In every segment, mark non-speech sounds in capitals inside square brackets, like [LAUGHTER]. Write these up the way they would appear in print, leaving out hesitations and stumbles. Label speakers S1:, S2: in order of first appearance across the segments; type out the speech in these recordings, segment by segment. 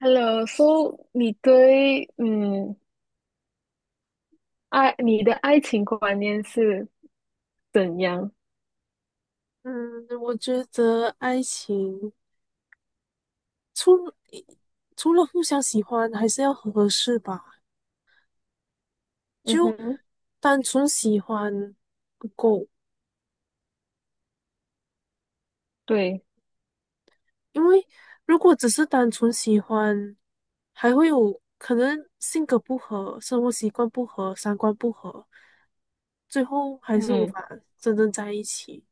S1: Hello，so 你对爱你的爱情观念是怎样？
S2: 嗯，我觉得爱情除了除了互相喜欢，还是要合适吧。
S1: 嗯
S2: 就
S1: 哼，
S2: 单纯喜欢不够，
S1: 对，
S2: 因为如果只是单纯喜欢，还会有可能性格不合、生活习惯不合、三观不合，最后还是无
S1: 嗯
S2: 法真正在一起。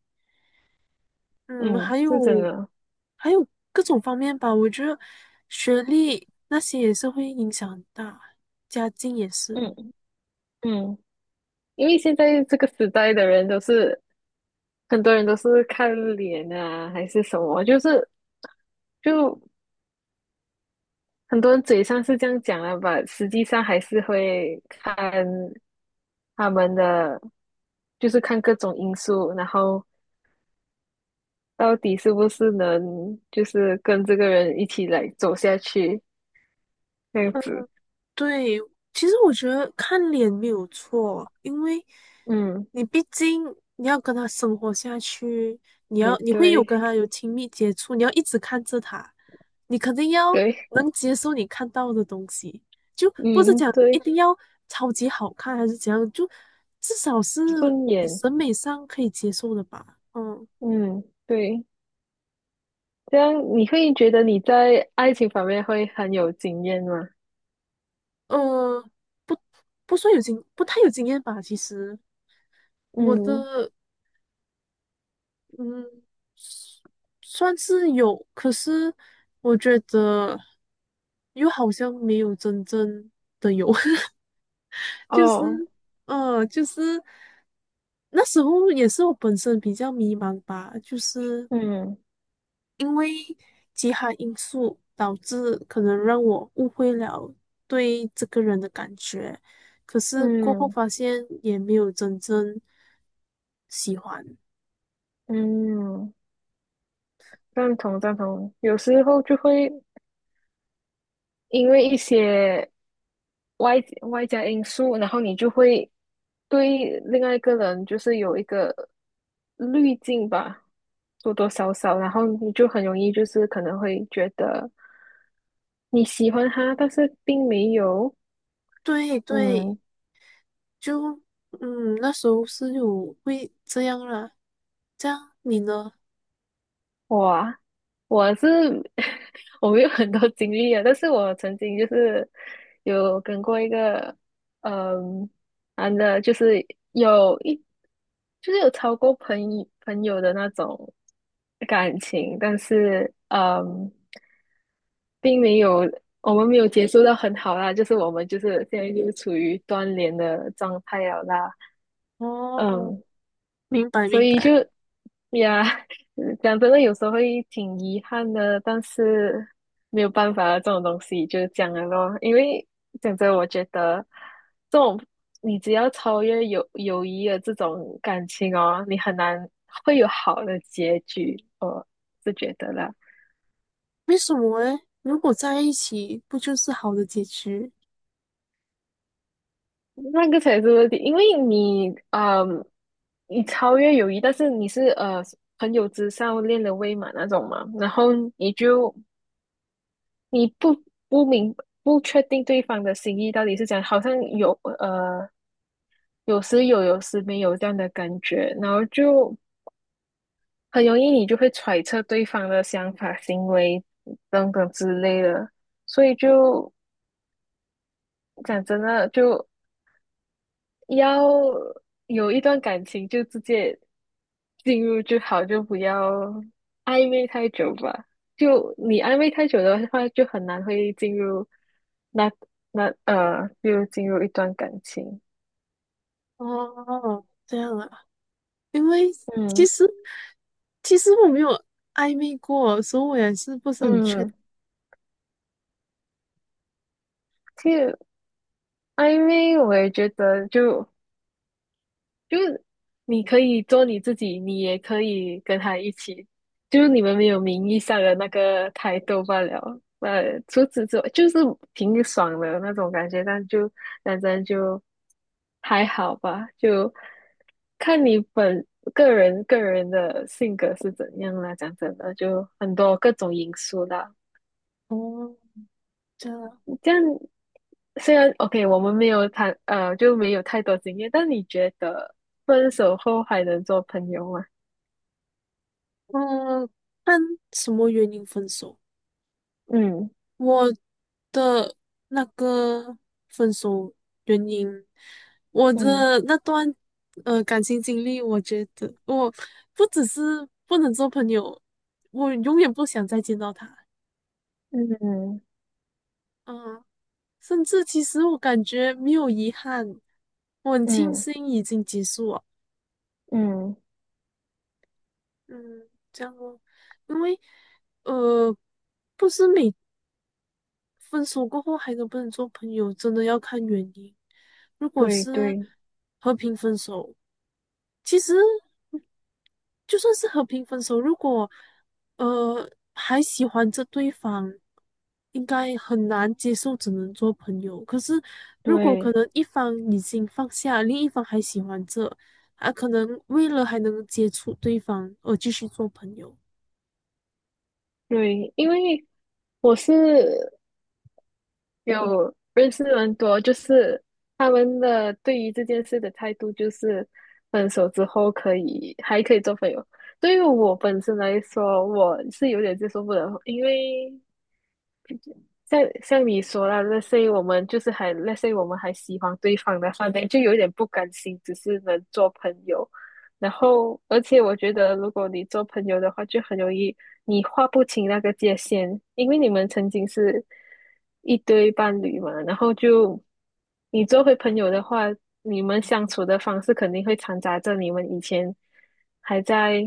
S2: 嗯，
S1: 嗯，
S2: 还
S1: 是真
S2: 有
S1: 的，
S2: 还有各种方面吧，我觉得学历那些也是会影响很大，家境也是。
S1: 嗯嗯，因为现在这个时代的人都是很多人都是看脸啊，还是什么，就是就很多人嘴上是这样讲了吧，实际上还是会看他们的就是看各种因素，然后到底是不是能就是跟这个人一起来走下去，这样子。
S2: 对，其实我觉得看脸没有错，因为
S1: 嗯，
S2: 你毕竟你要跟他生活下去，
S1: 也
S2: 你会有
S1: 对，
S2: 跟他有亲密接触，你要一直看着他，你肯定要
S1: 对，
S2: 能接受你看到的东西，就不是
S1: 嗯，
S2: 讲一
S1: 对，
S2: 定要超级好看还是怎样，就至少是
S1: 顺
S2: 你
S1: 眼，
S2: 审美上可以接受的吧。嗯，
S1: 嗯，对，这样你会觉得你在爱情方面会很有经验吗？
S2: 呃，不不太有经验吧，其实我
S1: 嗯，
S2: 的。嗯，算是有，可是我觉得又好像没有真正的有，[LAUGHS] 就是，
S1: 哦，
S2: 就是那时候也是我本身比较迷茫吧，就是
S1: 嗯
S2: 因为其他因素导致可能让我误会了对这个人的感觉，可是过后
S1: 嗯
S2: 发现也没有真正喜欢。
S1: 嗯，赞同赞同。有时候就会因为一些外外加因素，然后你就会对另外一个人就是有一个滤镜吧，多多少少，然后你就很容易就是可能会觉得你喜欢他，但是并没有，
S2: 对对，
S1: 嗯，
S2: 就嗯，那时候是有会这样啦。这样你呢？
S1: 哇，我是 [LAUGHS] 我没有很多经历啊，但是我曾经就是有跟过一个嗯男的，就是有一就是有超过朋友的那种感情，但是并没有我们没有结束到很好啦，就是我们就是现在就是处于断联的状态了啦，
S2: 哦，
S1: 嗯，
S2: 明白
S1: 所
S2: 明
S1: 以就
S2: 白。
S1: 呀，讲真的，有时候会挺遗憾的，但是没有办法啊，这种东西就是这样的咯。因为讲真，我觉得这种你只要超越友谊的这种感情哦，你很难会有好的结局，我是觉得啦。
S2: 为什么诶？如果在一起，不就是好的结局？
S1: 那个才是问题，因为你，嗯，你超越友谊，但是你是朋友之上恋人未满那种嘛，然后你不明不确定对方的心意到底是怎样，好像呃有时没有这样的感觉，然后就很容易你就会揣测对方的想法、行为等等之类的，所以就讲真的就要有一段感情就直接进入就好，就不要暧昧太久吧。就你暧昧太久的话，就很难会进入那一段感情。
S2: 哦，这样啊。因为其
S1: 嗯
S2: 实其实我没有暧昧过，所以我也是不是很确。定。
S1: 嗯，其实暧昧我也觉得就是你可以做你自己，你也可以跟他一起，就是你们没有名义上的那个抬头罢了。呃，除此之外，就是挺爽的那种感觉，但就反正就还好吧，就看你个人的性格是怎样啦。讲真的，就很多各种因素啦。
S2: 哦，这样啊。
S1: 这样虽然 OK，我们没有谈就没有太多经验，但你觉得分手后还能做朋友吗？
S2: 嗯，看什么原因分手？
S1: 嗯
S2: 我的那个分手原因，我
S1: 嗯
S2: 的那段感情经历，我觉得我不只是不能做朋友，我永远不想再见到他。
S1: 嗯
S2: 嗯，甚至其实我感觉没有遗憾，我很庆
S1: 嗯
S2: 幸已经结束了。
S1: 嗯，
S2: 嗯，这样哦，因为呃，不是每分手过后还能不能做朋友，真的要看原因。如果
S1: 对
S2: 是
S1: 对
S2: 和平分手，其实就算是和平分手，如果还喜欢着对方，应该很难接受，只能做朋友。可是如果可
S1: 对
S2: 能一方已经放下，另一方还喜欢着，啊，可能为了还能接触对方而继续做朋友。
S1: 对，因为我是有认识很多，就是他们的对于这件事的态度，就是分手之后可以还可以做朋友。对于我本身来说，我是有点接受不了，因为像你说啦，let's say 我们还喜欢对方的话，那就有点不甘心，只是能做朋友。然后，而且我觉得，如果你做朋友的话，就很容易你划不清那个界限，因为你们曾经是一对伴侣嘛。然后就你做回朋友的话，你们相处的方式肯定会掺杂着你们以前还在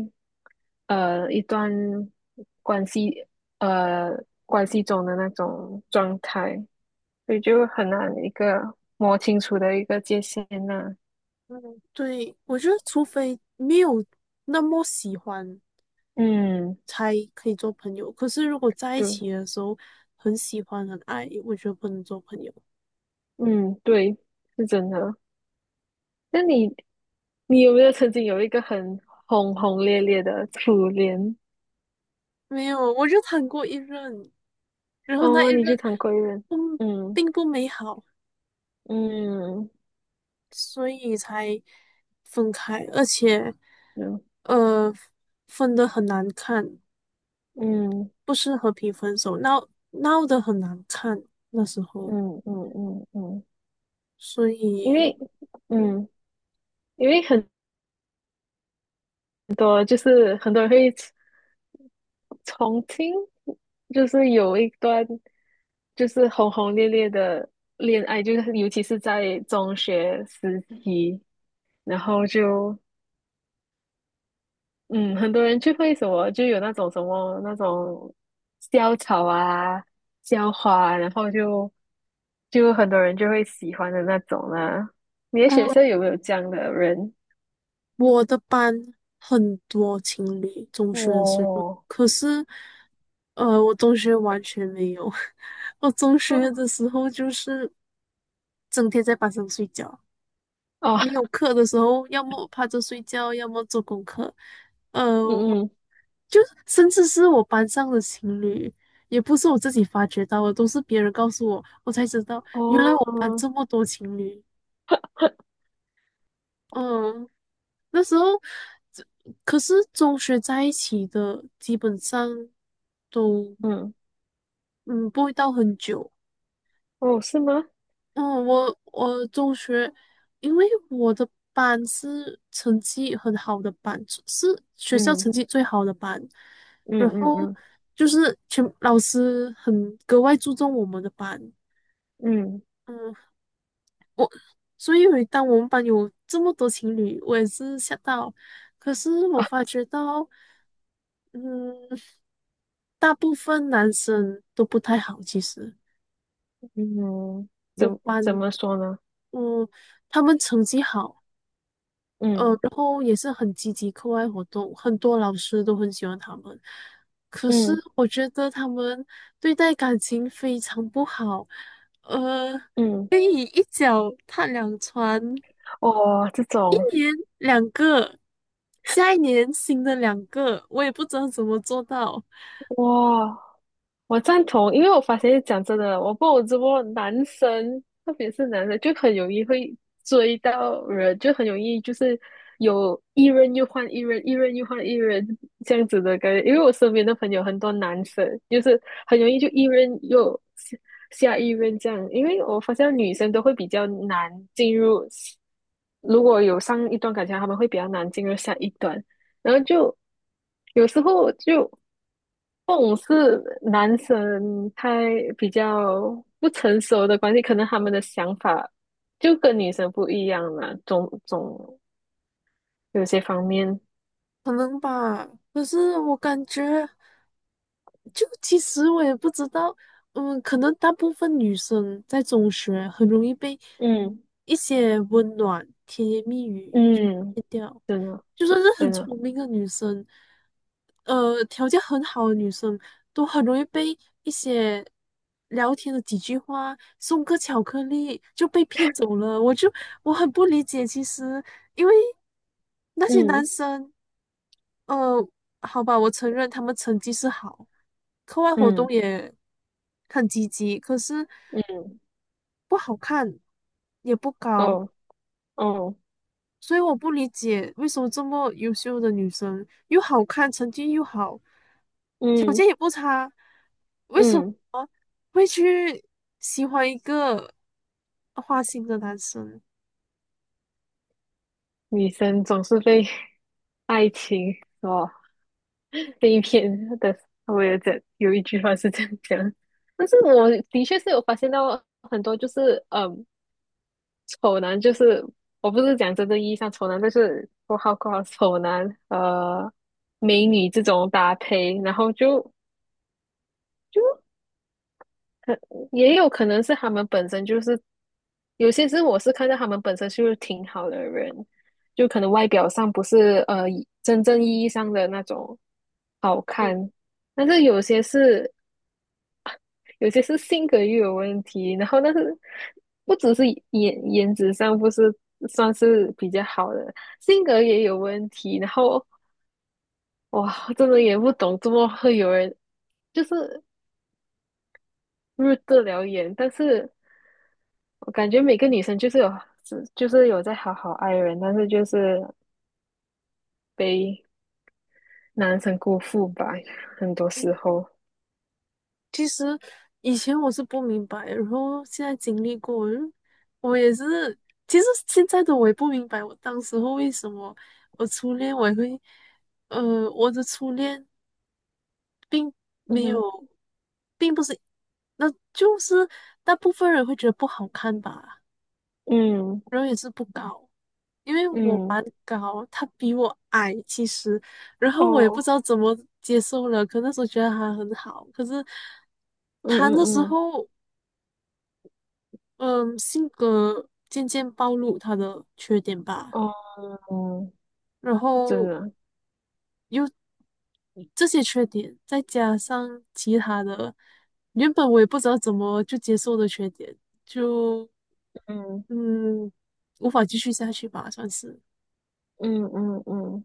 S1: 一段关系呃关系中的那种状态，所以就很难一个摸清楚的一个界限呐、
S2: 嗯，对，我觉得除非没有那么喜欢，
S1: 嗯，
S2: 才可以做朋友。可是如果在一
S1: 对。
S2: 起的时候很喜欢很爱，我觉得不能做朋友。
S1: 嗯，对，是真的。那你有没有曾经有一个很轰轰烈烈的初恋？
S2: 没有，我就谈过一任，然后那一
S1: 哦，你去
S2: 任
S1: 当过人，
S2: 嗯
S1: 嗯
S2: 并不美好，
S1: 嗯
S2: 所以才分开，而且
S1: 嗯
S2: 呃分的很难看，
S1: 嗯
S2: 不是和平分手，闹得很难看那时候，
S1: 嗯嗯嗯嗯，
S2: 所
S1: 因
S2: 以
S1: 为
S2: 嗯。
S1: 嗯，因为很很多人会重听，就是有一段就是轰轰烈烈的恋爱，就是尤其是在中学时期，然后就。嗯，很多人就会什么，就有那种什么那种校草啊、校花啊然后就很多人就会喜欢的那种啦。你的学校有没有这样的人？
S2: 我的班很多情侣，中学的时候，
S1: 哦，
S2: 可是，我中学完全没有。[LAUGHS] 我中学
S1: 哦，
S2: 的时候就是整天在班上睡觉，没有
S1: 哦
S2: 课的时候，要么我趴着睡觉，要么做功课。我
S1: 嗯嗯，
S2: 就是甚至是我班上的情侣，也不是我自己发觉到的，都是别人告诉我，我才知道原来我班
S1: 哦，
S2: 这么多情侣。嗯，那时候，可是中学在一起的，基本上都
S1: 嗯，
S2: 嗯不会到很久。
S1: 哦，是吗？
S2: 嗯，我中学，因为我的班是成绩很好的班，是学校
S1: 嗯
S2: 成绩最好的班，
S1: 嗯
S2: 然
S1: 嗯
S2: 后
S1: 嗯
S2: 就是全老师很格外注重我们的班。
S1: 嗯
S2: 嗯，我所以每当我们班有这么多情侣，我也是吓到。可是我发觉到。嗯，大部分男生都不太好，其实
S1: 嗯，
S2: 我
S1: 怎怎
S2: 班，
S1: 么说呢？
S2: 嗯，他们成绩好，
S1: 嗯
S2: 然后也是很积极课外活动，很多老师都很喜欢他们。可是
S1: 嗯
S2: 我觉得他们对待感情非常不好，呃，
S1: 嗯，
S2: 可以一脚踏两船，一
S1: 哦，这种。
S2: 年两个，下一年新的两个，我也不知道怎么做到，
S1: 哇，我赞同，因为我发现讲真的，我不我直播男生，特别是男生，就很容易会追到人，就很容易就是有一任又换一任，一任又换一任这样子的感觉。因为我身边的朋友很多男生，就是很容易就一任又下一任这样。因为我发现女生都会比较难进入，如果有上一段感情，他们会比较难进入下一段。然后就有时候就种是男生太比较不成熟的关系，可能他们的想法就跟女生不一样了，有些方面，
S2: 可能吧。可是我感觉。就其实我也不知道，嗯，可能大部分女生在中学很容易被
S1: 嗯
S2: 一些温暖、甜言蜜语就
S1: 嗯，
S2: 骗掉，
S1: 真的
S2: 就算是很
S1: 真的，
S2: 聪明的女生，条件很好的女生，都很容易被一些聊天的几句话、送个巧克力就被骗走了。我很不理解，其实因为那些男
S1: 嗯
S2: 生。嗯，好吧，我承认他们成绩是好，课外活
S1: 嗯
S2: 动也很积极，可是
S1: 嗯，
S2: 不好看，也不高，
S1: 哦哦，
S2: 所以我不理解为什么这么优秀的女生又好看，成绩又好，条
S1: 嗯
S2: 件也不差，为什
S1: 嗯，
S2: 么会去喜欢一个花心的男生？
S1: 女生总是被 [LAUGHS] 爱情所被骗的，我也在有一句话是这样讲。但是我的确是有发现到很多，就是嗯，丑男就是我不是讲真正意义上丑男，就是括号括号丑男，呃，美女这种搭配，然后就就也有可能是他们本身就是有些是我是看到他们本身就是挺好的人，就可能外表上不是真正意义上的那种好
S2: 嗯
S1: 看，但是有些是性格又有问题，然后但是不只是颜值上不是算是比较好的，性格也有问题，然后哇，真的也不懂怎么会有人就是入得了眼，但是我感觉每个女生就是有在好好爱人，但是就是被男生辜负吧，很多时候，
S2: 其实以前我是不明白，然后现在经历过，我也是，其实现在的我也不明白，我当时候为什么我初恋我也会，我的初恋并
S1: 嗯
S2: 没
S1: 哼，
S2: 有，并不是，那就是大部分人会觉得不好看吧，
S1: 嗯
S2: 然后也是不高，因为我
S1: 嗯，
S2: 蛮高，他比我矮，其实，然后我也不
S1: 哦，
S2: 知道怎么接受了，可那时候觉得他很好，可是
S1: 嗯
S2: 他
S1: 嗯
S2: 那时
S1: 嗯，
S2: 候。嗯，性格渐渐暴露他的缺点吧，
S1: 哦，嗯，
S2: 然
S1: 真
S2: 后
S1: 的，
S2: 又这些缺点，再加上其他的，原本我也不知道怎么就接受的缺点，就
S1: 嗯。
S2: 嗯，无法继续下去吧，算是。
S1: 嗯嗯嗯，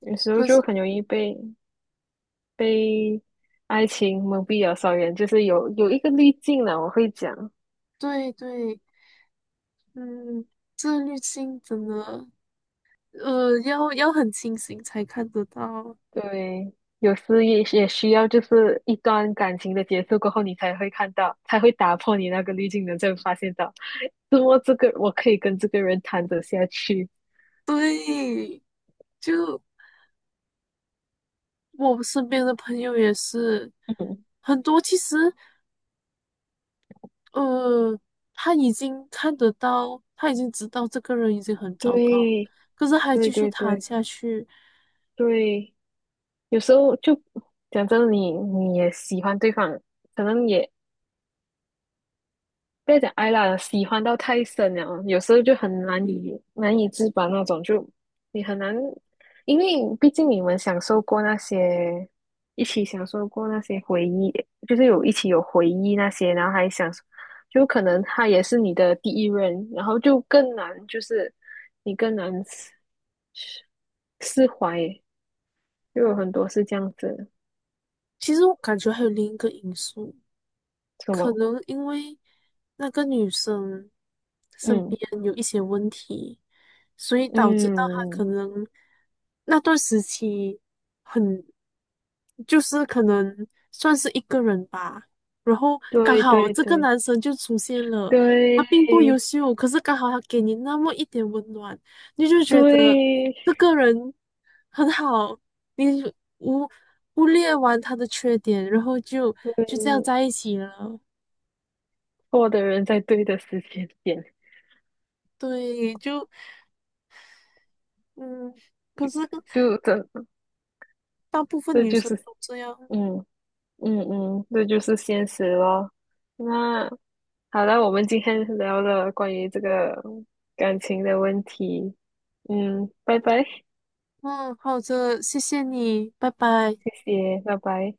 S1: 有时候
S2: 可
S1: 就
S2: 是，
S1: 很容易被爱情蒙蔽了双眼，就是有一个滤镜了，我会讲。
S2: 对对，嗯，自律性真的，要很清醒才看得到。
S1: 对，有时也需要，就是一段感情的结束过后，你才会看到，才会打破你那个滤镜的，才会发现到，怎么这个我可以跟这个人谈得下去。
S2: 对，就我身边的朋友也是
S1: 嗯，
S2: 很多，其实。呃，他已经看得到，他已经知道这个人已经很糟糕，
S1: 对
S2: 可是还
S1: 对
S2: 继续
S1: 对
S2: 谈
S1: 对
S2: 下去。
S1: 对，有时候就讲真的你也喜欢对方，可能也不要讲爱啦，喜欢到太深了，有时候就很难以自拔那种，就你很难，因为毕竟你们享受过那些，一起享受过那些回忆，就是有一起有回忆那些，然后还想，就可能他也是你的第一任，然后就更难，就是你更难释怀，就有
S2: 嗯，
S1: 很多是这样子，
S2: 其实我感觉还有另一个因素，
S1: 什
S2: 可
S1: 么，
S2: 能因为那个女生身边
S1: 嗯
S2: 有一些问题，所以导致到她可
S1: 嗯，
S2: 能那段时期很，就是可能算是一个人吧。然后刚
S1: 对
S2: 好
S1: 对
S2: 这个
S1: 对。
S2: 男生就出现了，他
S1: 对
S2: 并不优秀，可是刚好他给你那么一点温暖，你就觉得
S1: 对，
S2: 这个人很好，你无忽略完他的缺点，然后就这样
S1: 对，
S2: 在一起了。
S1: 错的人在对的时间点，
S2: 对，就嗯，可是
S1: 就这，
S2: 大部分
S1: 这
S2: 女
S1: 就
S2: 生
S1: 是，
S2: 都这样。
S1: 嗯嗯嗯，这就是现实咯。那好了，我们今天聊了关于这个感情的问题，嗯，拜拜，谢
S2: 嗯，好的，谢谢你，拜拜。
S1: 谢，拜拜。